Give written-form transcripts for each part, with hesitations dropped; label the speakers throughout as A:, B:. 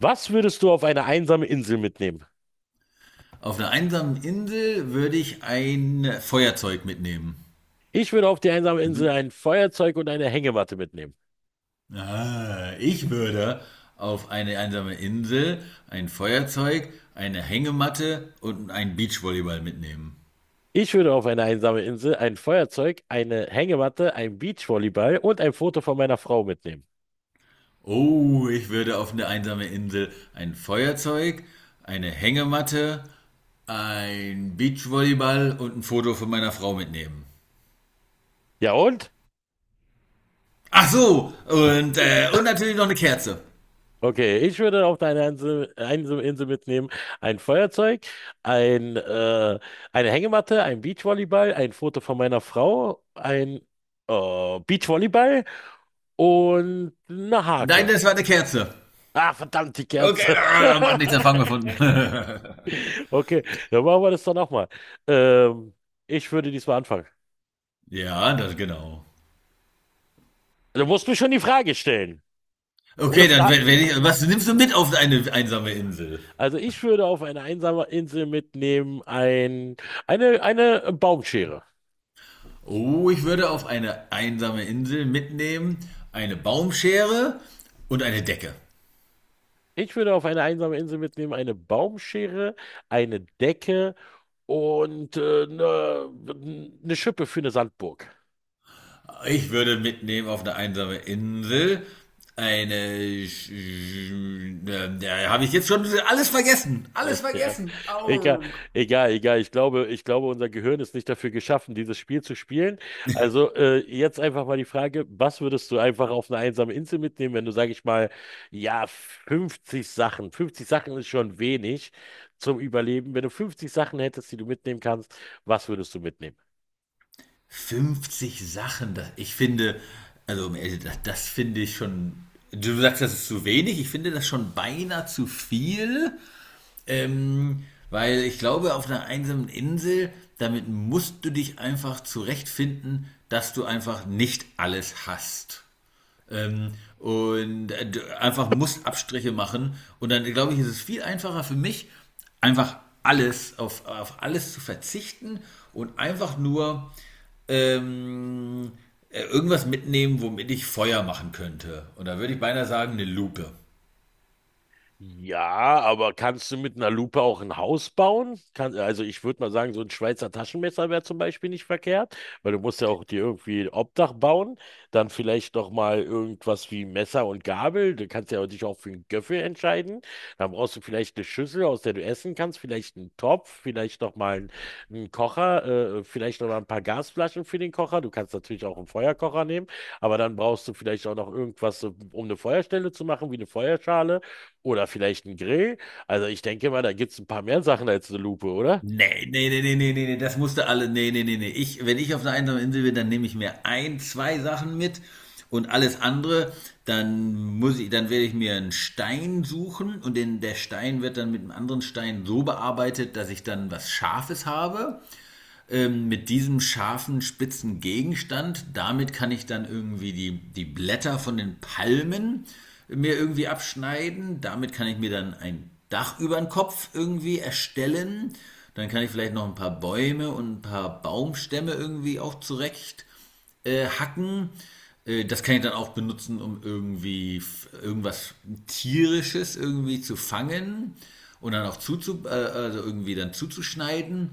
A: Was würdest du auf eine einsame Insel mitnehmen?
B: Auf einer einsamen Insel würde ich ein Feuerzeug mitnehmen.
A: Ich würde auf die einsame Insel
B: Mhm.
A: ein Feuerzeug und eine Hängematte mitnehmen.
B: Ich würde auf eine einsame Insel ein Feuerzeug, eine Hängematte und einen Beachvolleyball mitnehmen.
A: Ich würde auf eine einsame Insel ein Feuerzeug, eine Hängematte, ein Beachvolleyball und ein Foto von meiner Frau mitnehmen.
B: Oh, ich würde auf eine einsame Insel ein Feuerzeug, eine Hängematte, ein Beachvolleyball und ein Foto von meiner Frau mitnehmen.
A: Ja und?
B: Ach so, und natürlich noch eine Kerze.
A: Okay, ich würde auf eine Insel, einsame Insel mitnehmen ein Feuerzeug, ein, äh, eine Hängematte, ein Beachvolleyball, ein Foto von meiner Frau, ein Beachvolleyball und eine
B: Nein,
A: Hake.
B: das war eine Kerze.
A: Ah, verdammt, die
B: Okay,
A: Kerze.
B: dann macht nichts, dann fangen wir von.
A: Okay, dann machen wir das doch nochmal. Ähm, Ich würde diesmal anfangen.
B: Ja, das genau.
A: Du musst mir schon die Frage stellen. Ohne
B: Okay, dann
A: Frage.
B: wenn ich, was nimmst du mit auf eine einsame Insel?
A: Also ich würde auf eine einsame Insel mitnehmen eine Baumschere.
B: Oh, ich würde auf eine einsame Insel mitnehmen eine Baumschere und eine Decke.
A: Ich würde auf eine einsame Insel mitnehmen eine Baumschere, eine Decke und eine Schippe für eine Sandburg.
B: Ich würde mitnehmen auf eine einsame Insel eine. Da habe ich jetzt schon alles vergessen. Alles
A: Ja.
B: vergessen.
A: Egal,
B: Au.
A: egal. Ich glaube, unser Gehirn ist nicht dafür geschaffen, dieses Spiel zu spielen. Also jetzt einfach mal die Frage, was würdest du einfach auf eine einsame Insel mitnehmen, wenn du, sage ich mal, ja, 50 Sachen, 50 Sachen ist schon wenig zum Überleben. Wenn du 50 Sachen hättest, die du mitnehmen kannst, was würdest du mitnehmen?
B: 50 Sachen, ich finde, also um ehrlich, das finde ich schon. Du sagst, das ist zu wenig. Ich finde das schon beinahe zu viel, ähm, weil ich glaube, auf einer einsamen Insel, damit musst du dich einfach zurechtfinden, dass du einfach nicht alles hast. Ähm, und äh, Einfach muss Abstriche machen. Und dann glaube ich, ist es viel einfacher für mich, einfach alles auf alles zu verzichten und einfach nur ähm, irgendwas mitnehmen, womit ich Feuer machen könnte. Und da würde ich beinahe sagen, eine Lupe.
A: Ja, aber kannst du mit einer Lupe auch ein Haus bauen? Kann, also ich würde mal sagen, so ein Schweizer Taschenmesser wäre zum Beispiel nicht verkehrt, weil du musst ja auch dir irgendwie ein Obdach bauen. Dann vielleicht noch mal irgendwas wie Messer und Gabel. Du kannst ja dich auch für einen Göffel entscheiden. Dann brauchst du vielleicht eine Schüssel, aus der du essen kannst, vielleicht einen Topf, vielleicht noch mal einen Kocher, vielleicht noch mal ein paar Gasflaschen für den Kocher. Du kannst natürlich auch einen Feuerkocher nehmen, aber dann brauchst du vielleicht auch noch irgendwas, so, um eine Feuerstelle zu machen, wie eine Feuerschale. Oder vielleicht ein Grill. Also ich denke mal, da gibt es ein paar mehr Sachen als eine Lupe, oder?
B: Ne, ne, ne, ne, ne, ne, ne, das musste alle. Ne, ne, ne, ne. Wenn ich auf einer einsamen Insel bin, dann nehme ich mir ein, zwei Sachen mit und alles andere, dann werde ich mir einen Stein suchen der Stein wird dann mit einem anderen Stein so bearbeitet, dass ich dann was Scharfes habe, mit diesem scharfen, spitzen Gegenstand, damit kann ich dann irgendwie die Blätter von den Palmen mir irgendwie abschneiden, damit kann ich mir dann ein Dach über den Kopf irgendwie erstellen, dann kann ich vielleicht noch ein paar Bäume und ein paar Baumstämme irgendwie auch zurecht hacken. Das kann ich dann auch benutzen, um irgendwie irgendwas Tierisches irgendwie zu fangen und dann auch also irgendwie dann zuzuschneiden.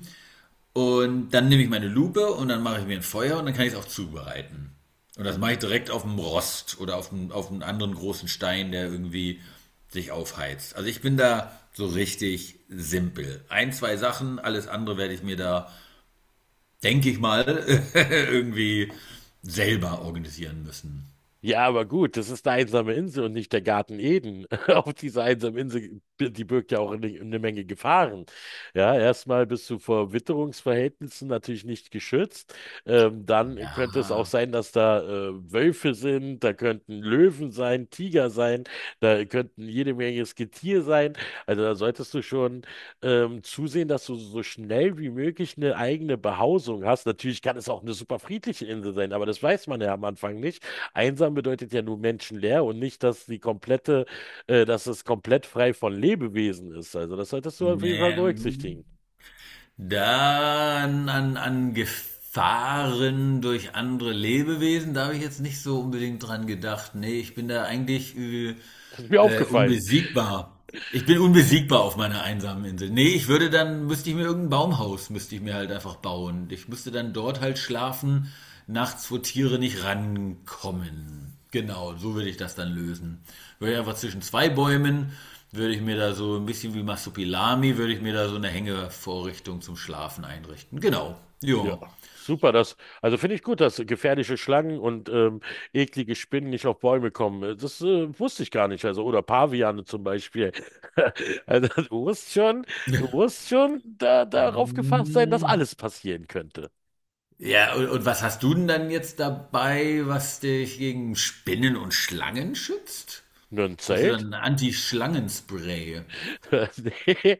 B: Und dann nehme ich meine Lupe und dann mache ich mir ein Feuer und dann kann ich es auch zubereiten. Und das mache ich direkt auf dem Rost oder auf einem anderen großen Stein, der irgendwie sich aufheizt. Also ich bin da so richtig simpel. Ein, zwei Sachen, alles andere werde ich mir da, denke ich mal, irgendwie selber organisieren müssen.
A: Ja, aber gut, das ist eine einsame Insel und nicht der Garten Eden. Auf dieser einsamen Insel, die birgt ja auch eine Menge Gefahren. Ja, erstmal bist du vor Witterungsverhältnissen natürlich nicht geschützt. Dann könnte es auch
B: Ja,
A: sein, dass da Wölfe sind, da könnten Löwen sein, Tiger sein, da könnten jede Menge Getier sein. Also da solltest du schon zusehen, dass du so schnell wie möglich eine eigene Behausung hast. Natürlich kann es auch eine super friedliche Insel sein, aber das weiß man ja am Anfang nicht. Einsam bedeutet ja nur menschenleer und nicht, dass die dass es komplett frei von Lebewesen ist. Also das solltest du auf jeden Fall
B: ne,
A: berücksichtigen.
B: An Gefahren durch andere Lebewesen, da habe ich jetzt nicht so unbedingt dran gedacht. Nee, ich bin da eigentlich
A: Das ist mir aufgefallen.
B: unbesiegbar. Ich bin unbesiegbar auf meiner einsamen Insel. Nee, ich würde dann, Müsste ich mir irgendein Baumhaus, müsste ich mir halt einfach bauen. Ich müsste dann dort halt schlafen, nachts, wo Tiere nicht rankommen. Genau, so würde ich das dann lösen. Würde ich einfach zwischen zwei Bäumen, würde ich mir da so ein bisschen wie Masopilami, würde ich mir da so eine Hängevorrichtung zum Schlafen einrichten. Genau,
A: Ja,
B: ja.
A: super. Das, also finde ich gut, dass gefährliche Schlangen und eklige Spinnen nicht auf Bäume kommen. Das wusste ich gar nicht. Also oder Paviane zum Beispiel. Also du musst schon, du musst schon darauf gefasst sein, dass alles passieren könnte.
B: Ja, und was hast du denn dann jetzt dabei, was dich gegen Spinnen und Schlangen schützt?
A: Nur ein
B: Hast du
A: Zelt?
B: dann ein Anti-Schlangenspray?
A: Nee.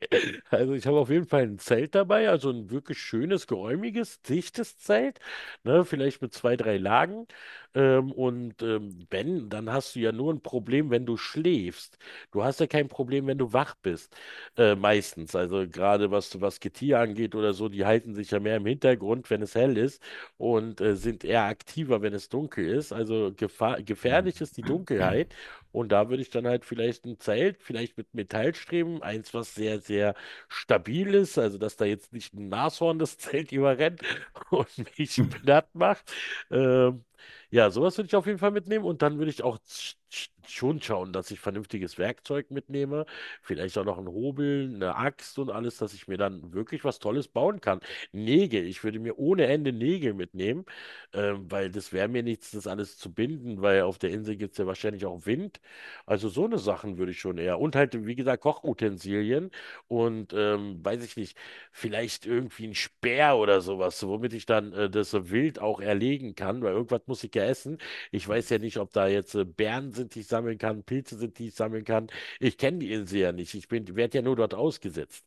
A: Also ich habe auf jeden Fall ein Zelt dabei, also ein wirklich schönes, geräumiges, dichtes Zelt, ne, vielleicht mit zwei, drei Lagen. Wenn, dann hast du ja nur ein Problem, wenn du schläfst. Du hast ja kein Problem, wenn du wach bist. Meistens, also gerade was Getier angeht oder so, die halten sich ja mehr im Hintergrund, wenn es hell ist und sind eher aktiver, wenn es dunkel ist. Also gefahr gefährlich ist die Dunkelheit. Und da würde ich dann halt vielleicht ein Zelt, vielleicht mit Metallstreben, eins, was sehr stabil ist, also dass da jetzt nicht ein Nashorn das Zelt überrennt und mich platt macht. Ähm, ja, sowas würde ich auf jeden Fall mitnehmen und dann würde ich auch schon schauen, dass ich vernünftiges Werkzeug mitnehme, vielleicht auch noch ein Hobel, eine Axt und alles, dass ich mir dann wirklich was Tolles bauen kann. Nägel, ich würde mir ohne Ende Nägel mitnehmen, weil das wäre mir nichts, das alles zu binden, weil auf der Insel gibt es ja wahrscheinlich auch Wind. Also so eine Sachen würde ich schon eher. Und halt, wie gesagt, Kochutensilien und weiß ich nicht, vielleicht irgendwie ein Speer oder sowas, womit ich dann das Wild auch erlegen kann, weil irgendwas muss ich ja essen. Ich weiß ja nicht, ob da jetzt Beeren sind, die ich sammeln kann, Pilze sind, die ich sammeln kann. Ich kenne die Insel ja nicht. Werde ja nur dort ausgesetzt.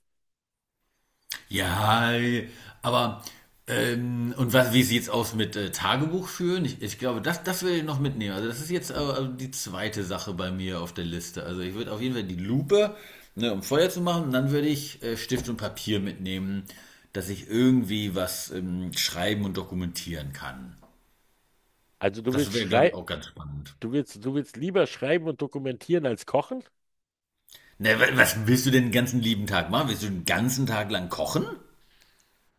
B: Ja, aber und was, wie sieht's aus mit Tagebuch führen? Ich glaube, das will ich noch mitnehmen. Also das ist jetzt die zweite Sache bei mir auf der Liste. Also ich würde auf jeden Fall die Lupe, ne, um Feuer zu machen, und dann würde ich Stift und Papier mitnehmen, dass ich irgendwie was schreiben und dokumentieren kann.
A: Also du
B: Das
A: willst
B: wäre, glaube ich,
A: schrei,
B: auch ganz spannend.
A: du willst lieber schreiben und dokumentieren als kochen?
B: Na, was willst du denn den ganzen lieben Tag machen? Willst du den ganzen Tag lang kochen?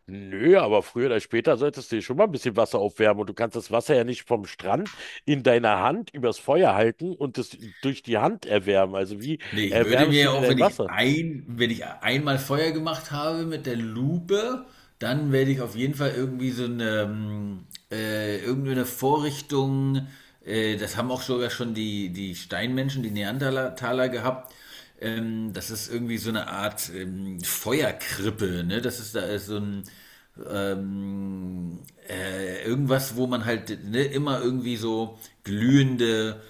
A: Nö, aber früher oder später solltest du dir schon mal ein bisschen Wasser aufwärmen und du kannst das Wasser ja nicht vom Strand in deiner Hand übers Feuer halten und es durch die Hand erwärmen. Also wie
B: Nee, ich würde mir
A: erwärmst du
B: ja
A: dir
B: auch,
A: dein Wasser?
B: wenn ich einmal Feuer gemacht habe mit der Lupe, dann werde ich auf jeden Fall irgendwie so eine, irgendeine Vorrichtung, das haben auch sogar schon die Steinmenschen, die Neandertaler gehabt, das ist irgendwie so eine Art, Feuerkrippe, ne? Das ist da ist so ein, ähm, irgendwas, wo man halt, ne, immer irgendwie so glühende,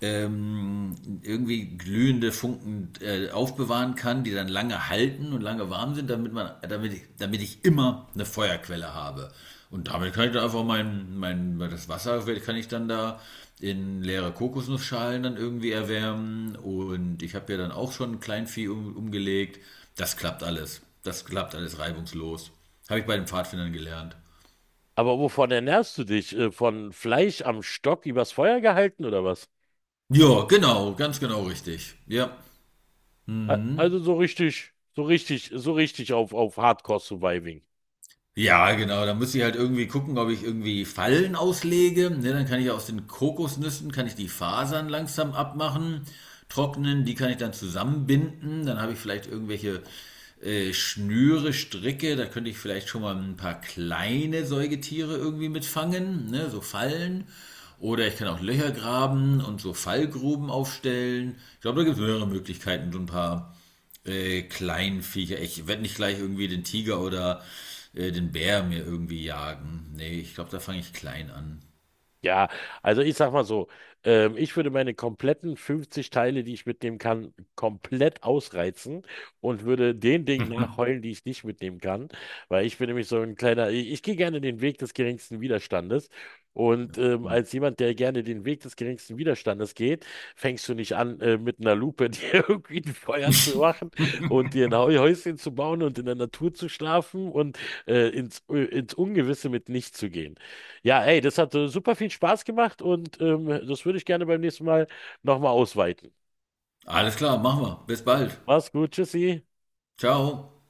B: ähm, irgendwie glühende Funken aufbewahren kann, die dann lange halten und lange warm sind, damit ich immer eine Feuerquelle habe. Und damit kann ich dann einfach das Wasser kann ich dann da in leere Kokosnussschalen dann irgendwie erwärmen. Und ich habe ja dann auch schon ein Kleinvieh umgelegt. Das klappt alles. Das klappt alles reibungslos. Habe ich bei den Pfadfindern gelernt.
A: Aber wovon ernährst du dich? Von Fleisch am Stock übers Feuer gehalten oder was?
B: Ja, genau, ganz genau richtig. Ja. Mhm.
A: Also so richtig auf Hardcore Surviving.
B: Ja, genau. Da muss ich halt irgendwie gucken, ob ich irgendwie Fallen auslege. Ne, dann kann ich aus den Kokosnüssen, kann ich die Fasern langsam abmachen, trocknen, die kann ich dann zusammenbinden. Dann habe ich vielleicht irgendwelche Schnüre, Stricke. Da könnte ich vielleicht schon mal ein paar kleine Säugetiere irgendwie mitfangen, ne, so Fallen. Oder ich kann auch Löcher graben und so Fallgruben aufstellen. Ich glaube, da gibt es mehrere Möglichkeiten, so ein paar kleinen Viecher. Ich werde nicht gleich irgendwie den Tiger oder den Bär mir irgendwie jagen. Nee, ich glaube, da fange ich klein an.
A: Ja, also ich sag mal so, ich würde meine kompletten 50 Teile, die ich mitnehmen kann, komplett ausreizen und würde den Dingen nachheulen, die ich nicht mitnehmen kann, weil ich bin nämlich so ein kleiner, ich gehe gerne den Weg des geringsten Widerstandes und als jemand, der gerne den Weg des geringsten Widerstandes geht, fängst du nicht an, mit einer Lupe dir irgendwie ein Feuer zu machen und dir ein Häuschen zu bauen und in der Natur zu schlafen und ins Ungewisse mit nichts zu gehen. Ja, ey, das hat super viel Spaß gemacht und das würde ich gerne beim nächsten Mal nochmal ausweiten.
B: Alles klar, machen wir. Bis bald.
A: Mach's gut, tschüssi.
B: Ciao.